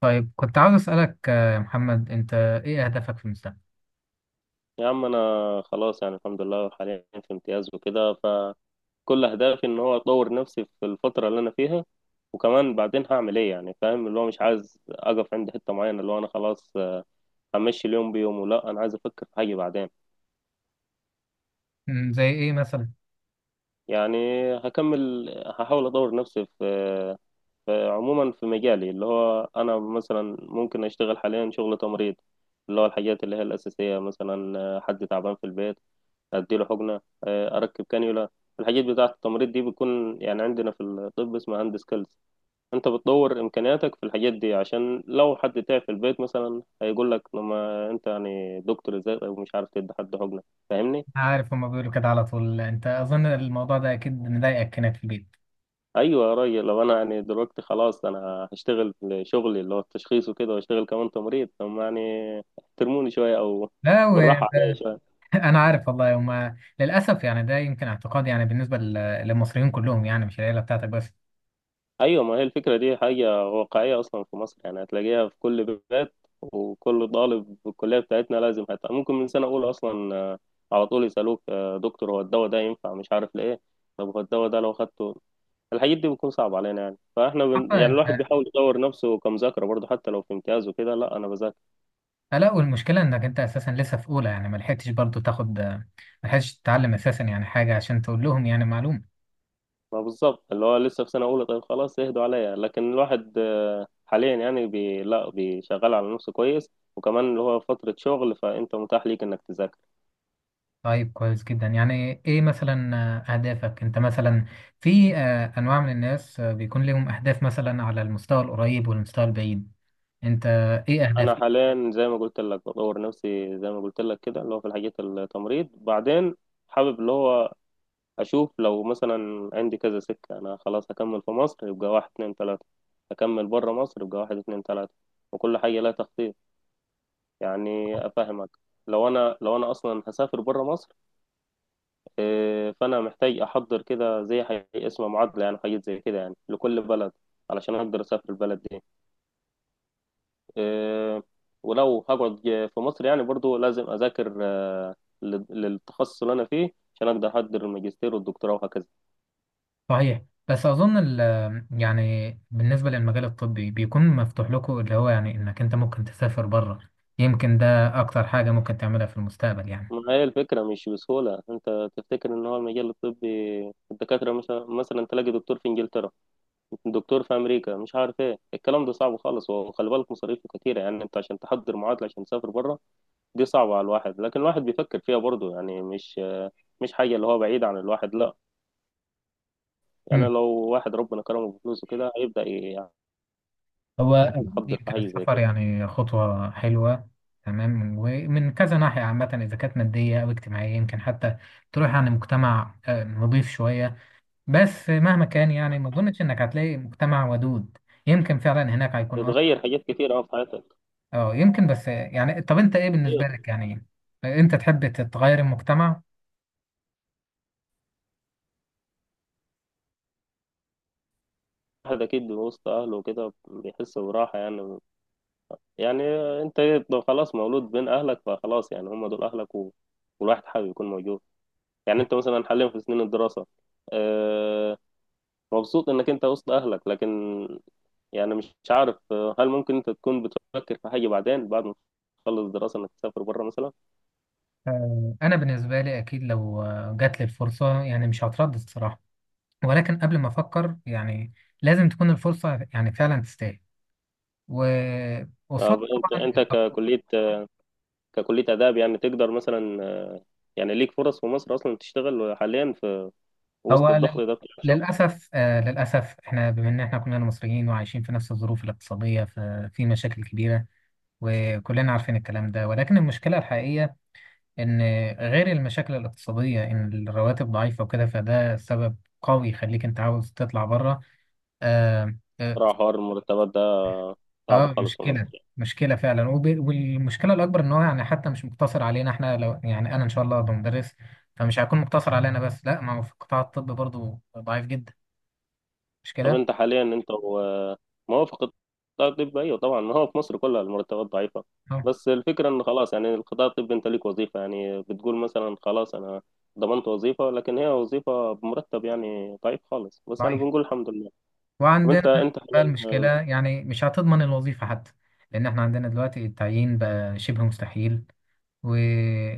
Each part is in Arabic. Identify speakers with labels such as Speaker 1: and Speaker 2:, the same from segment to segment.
Speaker 1: طيب كنت عاوز أسألك يا محمد، أنت إيه أهدافك في المستقبل؟
Speaker 2: يا عم انا خلاص، يعني الحمد لله حاليا في امتياز وكده. فكل اهدافي ان هو اطور نفسي في الفتره اللي انا فيها، وكمان بعدين هعمل ايه. يعني فاهم؟ اللي هو مش عايز اقف عند حته معينه، اللي هو انا خلاص همشي اليوم بيومه. لا انا عايز افكر في حاجه بعدين.
Speaker 1: زي إيه مثلا؟
Speaker 2: يعني هكمل، هحاول اطور نفسي في عموما في مجالي، اللي هو انا مثلا ممكن اشتغل حاليا شغل تمريض، اللي هو الحاجات اللي هي الاساسيه. مثلا حد تعبان في البيت اديله حقنه، اركب كانيولا. الحاجات بتاعه التمريض دي بتكون، يعني عندنا في الطب اسمها هاند سكيلز. انت بتطور امكانياتك في الحاجات دي، عشان لو حد تعب في البيت مثلا هيقول لك: لما انت يعني دكتور ازاي ومش عارف تدي حد حقنه؟ فاهمني؟
Speaker 1: عارف، هما بيقولوا كده على طول. أنت أظن الموضوع ده أكيد مضايقك هناك في البيت.
Speaker 2: ايوه يا راجل، لو انا يعني دلوقتي خلاص انا هشتغل في شغلي اللي هو التشخيص وكده، واشتغل كمان تمريض، طب ما يعني احترموني شويه او
Speaker 1: لا،
Speaker 2: بالراحه
Speaker 1: وأنا
Speaker 2: عليا شويه.
Speaker 1: عارف، والله هما للأسف يعني ده يمكن اعتقاد، يعني بالنسبة للمصريين كلهم، يعني مش العيلة بتاعتك بس.
Speaker 2: ايوه، ما هي الفكره دي حاجه واقعيه اصلا في مصر، يعني هتلاقيها في كل بيت. وكل طالب في الكليه بتاعتنا لازم، حتى ممكن من سنه اولى اصلا على طول يسالوك دكتور هو الدواء ده ينفع؟ مش عارف ليه، طب هو الدواء ده لو خدته؟ الحاجات دي بتكون صعبه علينا. يعني فاحنا بن...
Speaker 1: حتى
Speaker 2: يعني الواحد
Speaker 1: أنت.
Speaker 2: بيحاول يطور نفسه كمذاكره برضه، حتى لو في امتياز وكده. لا انا بذاكر.
Speaker 1: لا، والمشكلة إنك أنت أساسا لسه في أولى، يعني ما لحقتش برضه تاخد، ما لحقتش تتعلم أساسا يعني حاجة عشان تقول لهم يعني معلومة.
Speaker 2: ما بالظبط اللي هو لسه في سنه اولى، طيب خلاص اهدوا عليا. لكن الواحد حاليا يعني بي... لا بيشغل على نفسه كويس. وكمان اللي هو فتره شغل، فانت متاح ليك انك تذاكر.
Speaker 1: طيب، كويس جدا. يعني ايه مثلا اهدافك انت مثلا؟ في انواع من الناس بيكون لهم اهداف مثلا على المستوى القريب والمستوى البعيد. انت ايه
Speaker 2: انا
Speaker 1: اهدافك؟
Speaker 2: حاليا زي ما قلت لك بطور نفسي، زي ما قلت لك كده، اللي هو في الحاجات التمريض. بعدين حابب اللي هو اشوف لو مثلا عندي كذا سكة. انا خلاص هكمل في مصر، يبقى واحد اتنين تلاتة. هكمل بره مصر، يبقى واحد اتنين تلاتة. وكل حاجة لها تخطيط، يعني افهمك؟ لو انا اصلا هسافر بره مصر، إيه، فانا محتاج احضر كده زي حاجة اسمها معادلة، يعني حاجات زي كده يعني لكل بلد، علشان اقدر اسافر البلد دي. آه، ولو هقعد في مصر يعني برضو لازم أذاكر للتخصص اللي أنا فيه، عشان أقدر أحضر الماجستير والدكتوراه وهكذا.
Speaker 1: صحيح. بس اظن يعني بالنسبة للمجال الطبي بيكون مفتوح لكم، اللي هو يعني انك انت ممكن تسافر بره. يمكن ده اكتر حاجة ممكن تعملها في المستقبل يعني.
Speaker 2: ما هي الفكرة مش بسهولة. أنت تفتكر إن هو المجال الطبي الدكاترة مثلا تلاقي دكتور في إنجلترا، دكتور في أمريكا، مش عارف إيه. الكلام ده صعب خالص، وخلي بالك مصاريفه كتيرة. يعني أنت عشان تحضر معادلة عشان تسافر بره، دي صعبة على الواحد. لكن الواحد بيفكر فيها برضو، يعني مش حاجة اللي هو بعيد عن الواحد، لا. يعني لو واحد ربنا كرمه بفلوسه كده هيبدأ
Speaker 1: هو أكيد
Speaker 2: تحضر في
Speaker 1: يمكن
Speaker 2: حاجة زي
Speaker 1: السفر
Speaker 2: كده.
Speaker 1: يعني خطوة حلوة. تمام. ومن كذا ناحية عامة، إذا كانت مادية أو اجتماعية، يمكن حتى تروح عن مجتمع نضيف شوية. بس مهما كان يعني، ما أظنش إنك هتلاقي مجتمع ودود. يمكن فعلا هناك هيكون
Speaker 2: بتغير حاجات كتير أوي في حياتك.
Speaker 1: يمكن. بس يعني، طب أنت إيه
Speaker 2: أيوة.
Speaker 1: بالنسبة لك يعني، أنت تحب تتغير المجتمع؟
Speaker 2: الواحد أكيد وسط أهله وكده بيحس براحة يعني. يعني أنت خلاص مولود بين أهلك، فخلاص يعني هم دول أهلك و... والواحد حابب يكون موجود. يعني أنت مثلا حاليا في سنين الدراسة آه، مبسوط إنك أنت وسط أهلك. لكن يعني مش عارف هل ممكن أنت تكون بتفكر في حاجة بعدين بعد ما تخلص دراسة، إنك تسافر بره مثلا؟
Speaker 1: أنا بالنسبة لي أكيد لو جات لي الفرصة، يعني مش هتردد الصراحة. ولكن قبل ما أفكر يعني، لازم تكون الفرصة يعني فعلا تستاهل، وقصاد
Speaker 2: أنت،
Speaker 1: طبعا.
Speaker 2: أنت ككلية آداب، يعني تقدر مثلا، يعني ليك فرص في مصر أصلا تشتغل حاليا وسط
Speaker 1: هو
Speaker 2: الضغط ده بتاع الشغل؟
Speaker 1: للاسف احنا بما ان احنا كلنا مصريين وعايشين في نفس الظروف الاقتصاديه، ففي مشاكل كبيره، وكلنا عارفين الكلام ده. ولكن المشكله الحقيقيه ان، غير المشاكل الاقتصاديه، ان الرواتب ضعيفه وكده، فده سبب قوي يخليك انت عاوز تطلع بره.
Speaker 2: صراحة حوار المرتبات ده صعب
Speaker 1: اه،
Speaker 2: خالص في
Speaker 1: مشكلة
Speaker 2: مصر يعني.
Speaker 1: مشكلة فعلا. والمشكلة الأكبر إن هو يعني حتى مش مقتصر علينا إحنا. لو يعني أنا إن شاء الله هبقى مدرس، فمش هيكون مقتصر علينا بس، لا. ما هو في قطاع الطب برضه ضعيف جدا، مش
Speaker 2: طب
Speaker 1: كده؟
Speaker 2: أنت حاليا موافق القطاع الطبي؟ أيوه طبعا، ما هو في مصر كلها المرتبات ضعيفة.
Speaker 1: اه،
Speaker 2: بس الفكرة إن خلاص يعني القطاع الطبي أنت ليك وظيفة، يعني بتقول مثلا خلاص أنا ضمنت وظيفة، لكن هي وظيفة بمرتب يعني ضعيف خالص، بس يعني
Speaker 1: ضعيف.
Speaker 2: بنقول الحمد لله. طب
Speaker 1: وعندنا
Speaker 2: أنت أنت
Speaker 1: بقى المشكلة
Speaker 2: حاليا،
Speaker 1: يعني مش هتضمن الوظيفة حتى، لأن إحنا عندنا دلوقتي التعيين بقى شبه مستحيل. و...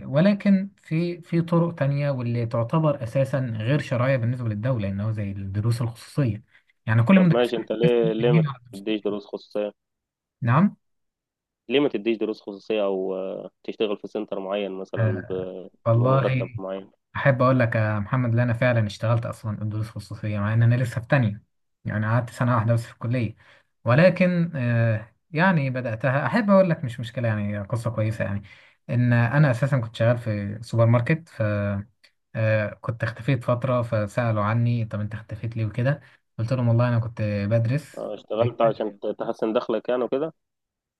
Speaker 1: ولكن في طرق تانية، واللي تعتبر أساسا غير شرعية بالنسبة للدولة، إن هو زي الدروس الخصوصية، يعني كل
Speaker 2: طب
Speaker 1: مدرسين
Speaker 2: ماشي، أنت ليه ما
Speaker 1: بيميلوا على الدروس.
Speaker 2: تديش دروس خصوصية؟
Speaker 1: نعم.
Speaker 2: ليه ما تديش دروس خصوصية، أو تشتغل في سنتر معين مثلا
Speaker 1: آه. والله،
Speaker 2: بمرتب معين؟
Speaker 1: احب اقول لك يا محمد ان انا فعلا اشتغلت اصلا دروس خصوصيه مع ان انا لسه في تانية، يعني قعدت سنه واحده بس في الكليه. ولكن يعني بداتها، احب اقول لك مش مشكله يعني، قصه كويسه يعني. ان انا اساسا كنت شغال في سوبر ماركت، ف آه، كنت اختفيت فتره، فسالوا عني: طب انت اختفيت ليه وكده؟ قلت لهم: والله انا كنت بدرس.
Speaker 2: اشتغلت عشان تحسن دخلك يعني وكده؟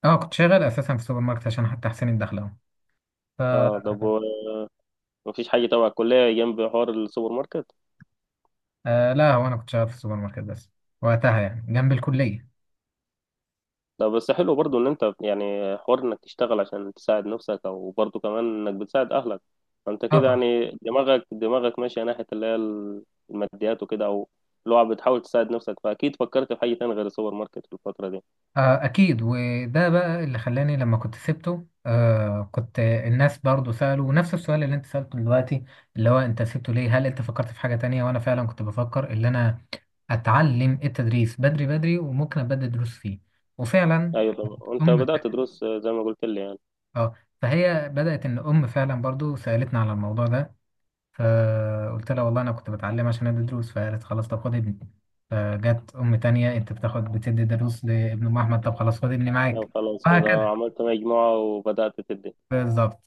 Speaker 1: اه، كنت شغال اساسا في سوبر ماركت عشان حتى احسن الدخل اهو. ف
Speaker 2: اه طب مفيش حاجة تبع الكلية جنب حوار السوبر ماركت؟
Speaker 1: آه، لا، هو انا كنت شغال في سوبر ماركت بس وقتها، يعني جنب الكليه.
Speaker 2: ده بس حلو برضو ان انت يعني، حوار انك تشتغل عشان تساعد نفسك، او برضو كمان انك بتساعد اهلك. فانت
Speaker 1: اه،
Speaker 2: كده
Speaker 1: طبعا.
Speaker 2: يعني دماغك ماشية ناحية اللي هي الماديات وكده، او اللي هو بتحاول تساعد نفسك. فاكيد فكرت في حاجة تانية غير السوبر ماركت في الفترة دي.
Speaker 1: أكيد. وده بقى اللي خلاني لما كنت سبته. آه، كنت الناس برضو سألوا نفس السؤال اللي أنت سألته دلوقتي، اللي هو: أنت سبته ليه؟ هل أنت فكرت في حاجة تانية؟ وأنا فعلا كنت بفكر اللي أنا أتعلم التدريس بدري بدري وممكن أبدأ دروس فيه. وفعلا،
Speaker 2: ايوه طبعا، وانت
Speaker 1: أم.
Speaker 2: بدأت دروس زي ما قلت لي يعني.
Speaker 1: آه فهي بدأت، إن أم فعلا برضو سألتنا على الموضوع ده، فقلت لها: والله أنا كنت بتعلم عشان أدي دروس. فقالت: خلاص طب خد ابني. فجت أم تانية: أنت بتاخد، بتدي دروس لابن أم أحمد؟ طب خلاص خد ابني
Speaker 2: لا
Speaker 1: معاك.
Speaker 2: خلاص، فده
Speaker 1: وهكذا.
Speaker 2: عملت مجموعة وبدأت تدي.
Speaker 1: بالظبط.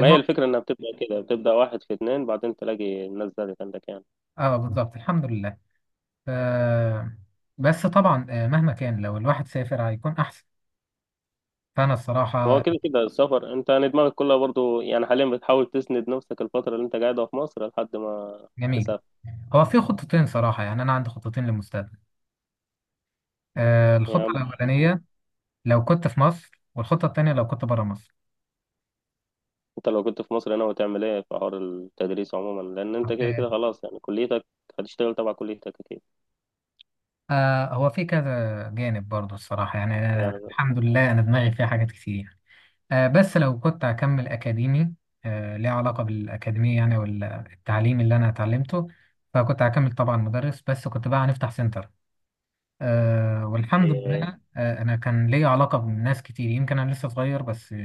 Speaker 2: ما هي الفكرة إنها بتبدأ كده، بتبدأ واحد في اتنين، بعدين تلاقي الناس زادت عندك يعني.
Speaker 1: اه، بالظبط، الحمد لله. ف... بس طبعا مهما كان لو الواحد سافر هيكون احسن، فانا الصراحه.
Speaker 2: هو كده كده السفر. أنت يعني دماغك كلها برضو يعني حاليا بتحاول تسند نفسك الفترة اللي أنت قاعدها في مصر لحد ما
Speaker 1: جميل.
Speaker 2: تسافر.
Speaker 1: هو في خطتين صراحه، يعني انا عندي خطتين للمستقبل. الخطه
Speaker 2: يعني
Speaker 1: الاولانيه لو كنت في مصر، والخطه التانيه لو كنت بره مصر.
Speaker 2: أنت لو كنت في مصر هنا هتعمل إيه في حوار التدريس عموما؟ لأن أنت كده
Speaker 1: آه،
Speaker 2: كده خلاص يعني كليتك هتشتغل تبع كليتك أكيد
Speaker 1: هو في كذا جانب برضه الصراحه يعني.
Speaker 2: يعني.
Speaker 1: أنا الحمد لله انا دماغي فيها حاجات كتير. بس لو كنت هكمل أكاديمي، ليه علاقة بالأكاديمية يعني، والتعليم اللي أنا اتعلمته. فكنت هكمل طبعا مدرس، بس كنت بقى هنفتح سنتر. والحمد
Speaker 2: أيوة.
Speaker 1: لله. أنا كان ليا علاقة بناس كتير، يمكن أنا لسه صغير بس،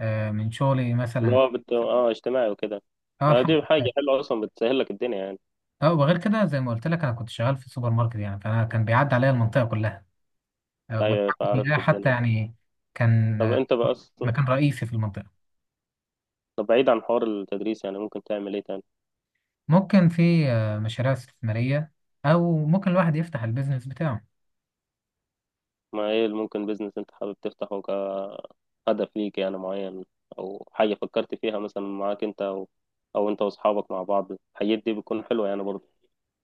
Speaker 1: من شغلي
Speaker 2: اللي
Speaker 1: مثلا.
Speaker 2: هو بت... آه اجتماعي وكده.
Speaker 1: اه، الحمد.
Speaker 2: دي حاجة حلوة أصلا بتسهل لك الدنيا يعني.
Speaker 1: اه، وغير كده زي ما قلت لك، انا كنت شغال في سوبر ماركت يعني، فانا كان بيعدي عليا المنطقه كلها.
Speaker 2: أيوة،
Speaker 1: والحمد
Speaker 2: عرفت
Speaker 1: لله. حتى
Speaker 2: الدنيا.
Speaker 1: يعني كان
Speaker 2: طب أنت بقى أصلا،
Speaker 1: مكان رئيسي في المنطقه.
Speaker 2: طب بعيد عن حوار التدريس يعني ممكن تعمل إيه تاني؟
Speaker 1: ممكن في مشاريع استثماريه، او ممكن الواحد يفتح البيزنس بتاعه.
Speaker 2: ما ايه اللي ممكن بيزنس انت حابب تفتحه كهدف ليك يعني معين، او حاجة فكرت فيها مثلا معاك انت، او او انت واصحابك مع بعض؟ الحاجات دي بتكون حلوة يعني برضه.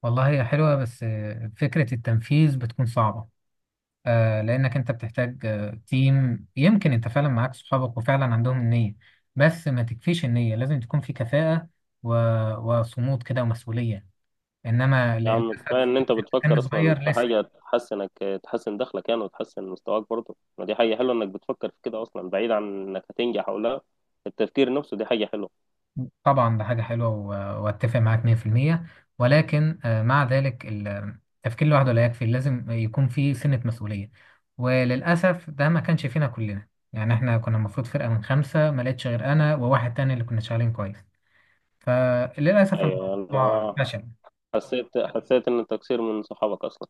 Speaker 1: والله هي حلوة، بس فكرة التنفيذ بتكون صعبة. لأنك أنت بتحتاج تيم. يمكن أنت فعلا معاك صحابك وفعلا عندهم النية، بس ما تكفيش النية، لازم تكون في كفاءة و... وصمود كده ومسؤولية. إنما
Speaker 2: يا عم
Speaker 1: للأسف.
Speaker 2: كفاية ان انت بتفكر
Speaker 1: كان
Speaker 2: اصلا
Speaker 1: صغير
Speaker 2: في
Speaker 1: لسه.
Speaker 2: حاجة تحسنك، تحسن دخلك يعني وتحسن مستواك برضه. ما دي حاجة حلوة انك بتفكر في كده اصلا، بعيد عن انك هتنجح او لا. التفكير نفسه دي حاجة حلوة.
Speaker 1: طبعا، ده حاجة حلوة، واتفق معاك 100%. ولكن مع ذلك التفكير لوحده لا يكفي، لازم يكون في سنة مسؤولية. وللأسف ده ما كانش فينا كلنا. يعني احنا كنا المفروض فرقة من خمسة، ما لقيتش غير أنا وواحد تاني اللي كنا شغالين كويس، فللأسف
Speaker 2: ايوه
Speaker 1: الموضوع
Speaker 2: الله.
Speaker 1: فشل.
Speaker 2: حسيت ان التقصير من صحابك اصلا.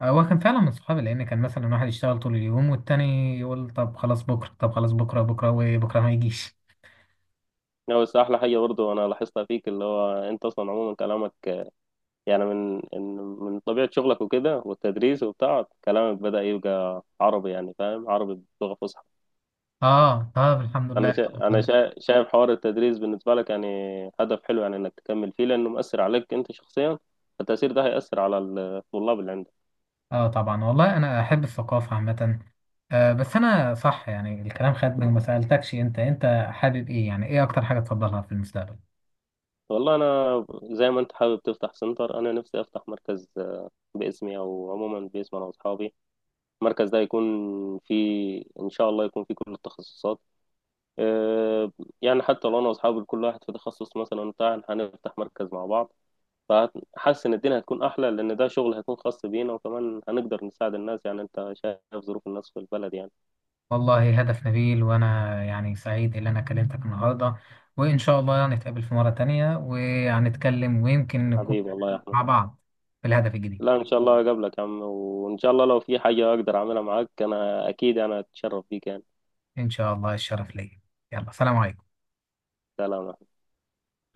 Speaker 1: هو كان فعلا من صحابي، لأن كان مثلا واحد يشتغل طول اليوم، والتاني يقول: طب خلاص بكرة، طب خلاص بكرة، بكرة وبكرة ما يجيش.
Speaker 2: لا بس احلى حاجه برضو انا لاحظتها فيك، اللي هو انت اصلا عموما كلامك، يعني من طبيعة شغلك وكده والتدريس وبتاع، كلامك بدأ يبقى عربي، يعني فاهم، عربي بلغة فصحى.
Speaker 1: اه، طب الحمد لله.
Speaker 2: شايف حوار التدريس بالنسبة لك يعني هدف حلو، يعني إنك تكمل فيه، لأنه مؤثر عليك أنت شخصيا، فالتأثير ده هيأثر على الطلاب اللي عندك.
Speaker 1: اه، طبعا. والله انا احب الثقافه عامه. بس انا صح، يعني الكلام خدني وما سالتكش، انت انت حابب ايه يعني، ايه اكتر حاجه تفضلها في المستقبل؟
Speaker 2: والله أنا زي ما أنت حابب تفتح سنتر، أنا نفسي أفتح مركز باسمي أو عموما باسم أنا وأصحابي. المركز ده يكون فيه، إن شاء الله يكون فيه كل التخصصات آه، يعني حتى لو انا واصحابي كل واحد في تخصص مثلا بتاع، هنفتح مركز مع بعض. فحاسس ان الدنيا هتكون احلى، لان ده شغل هيكون خاص بينا، وكمان هنقدر نساعد الناس. يعني انت شايف ظروف الناس في البلد يعني.
Speaker 1: والله، هدف نبيل. وانا يعني سعيد ان انا كلمتك النهارده، وان شاء الله نتقابل في مره تانية وهنتكلم، ويمكن نكون
Speaker 2: حبيبي الله يا احمد.
Speaker 1: مع بعض في الهدف الجديد.
Speaker 2: لا ان شاء الله اقابلك يا عم، وان شاء الله لو في حاجة اقدر اعملها معاك انا اكيد، انا اتشرف بيك يعني.
Speaker 1: ان شاء الله، الشرف ليا. يلا، سلام عليكم.
Speaker 2: سلام.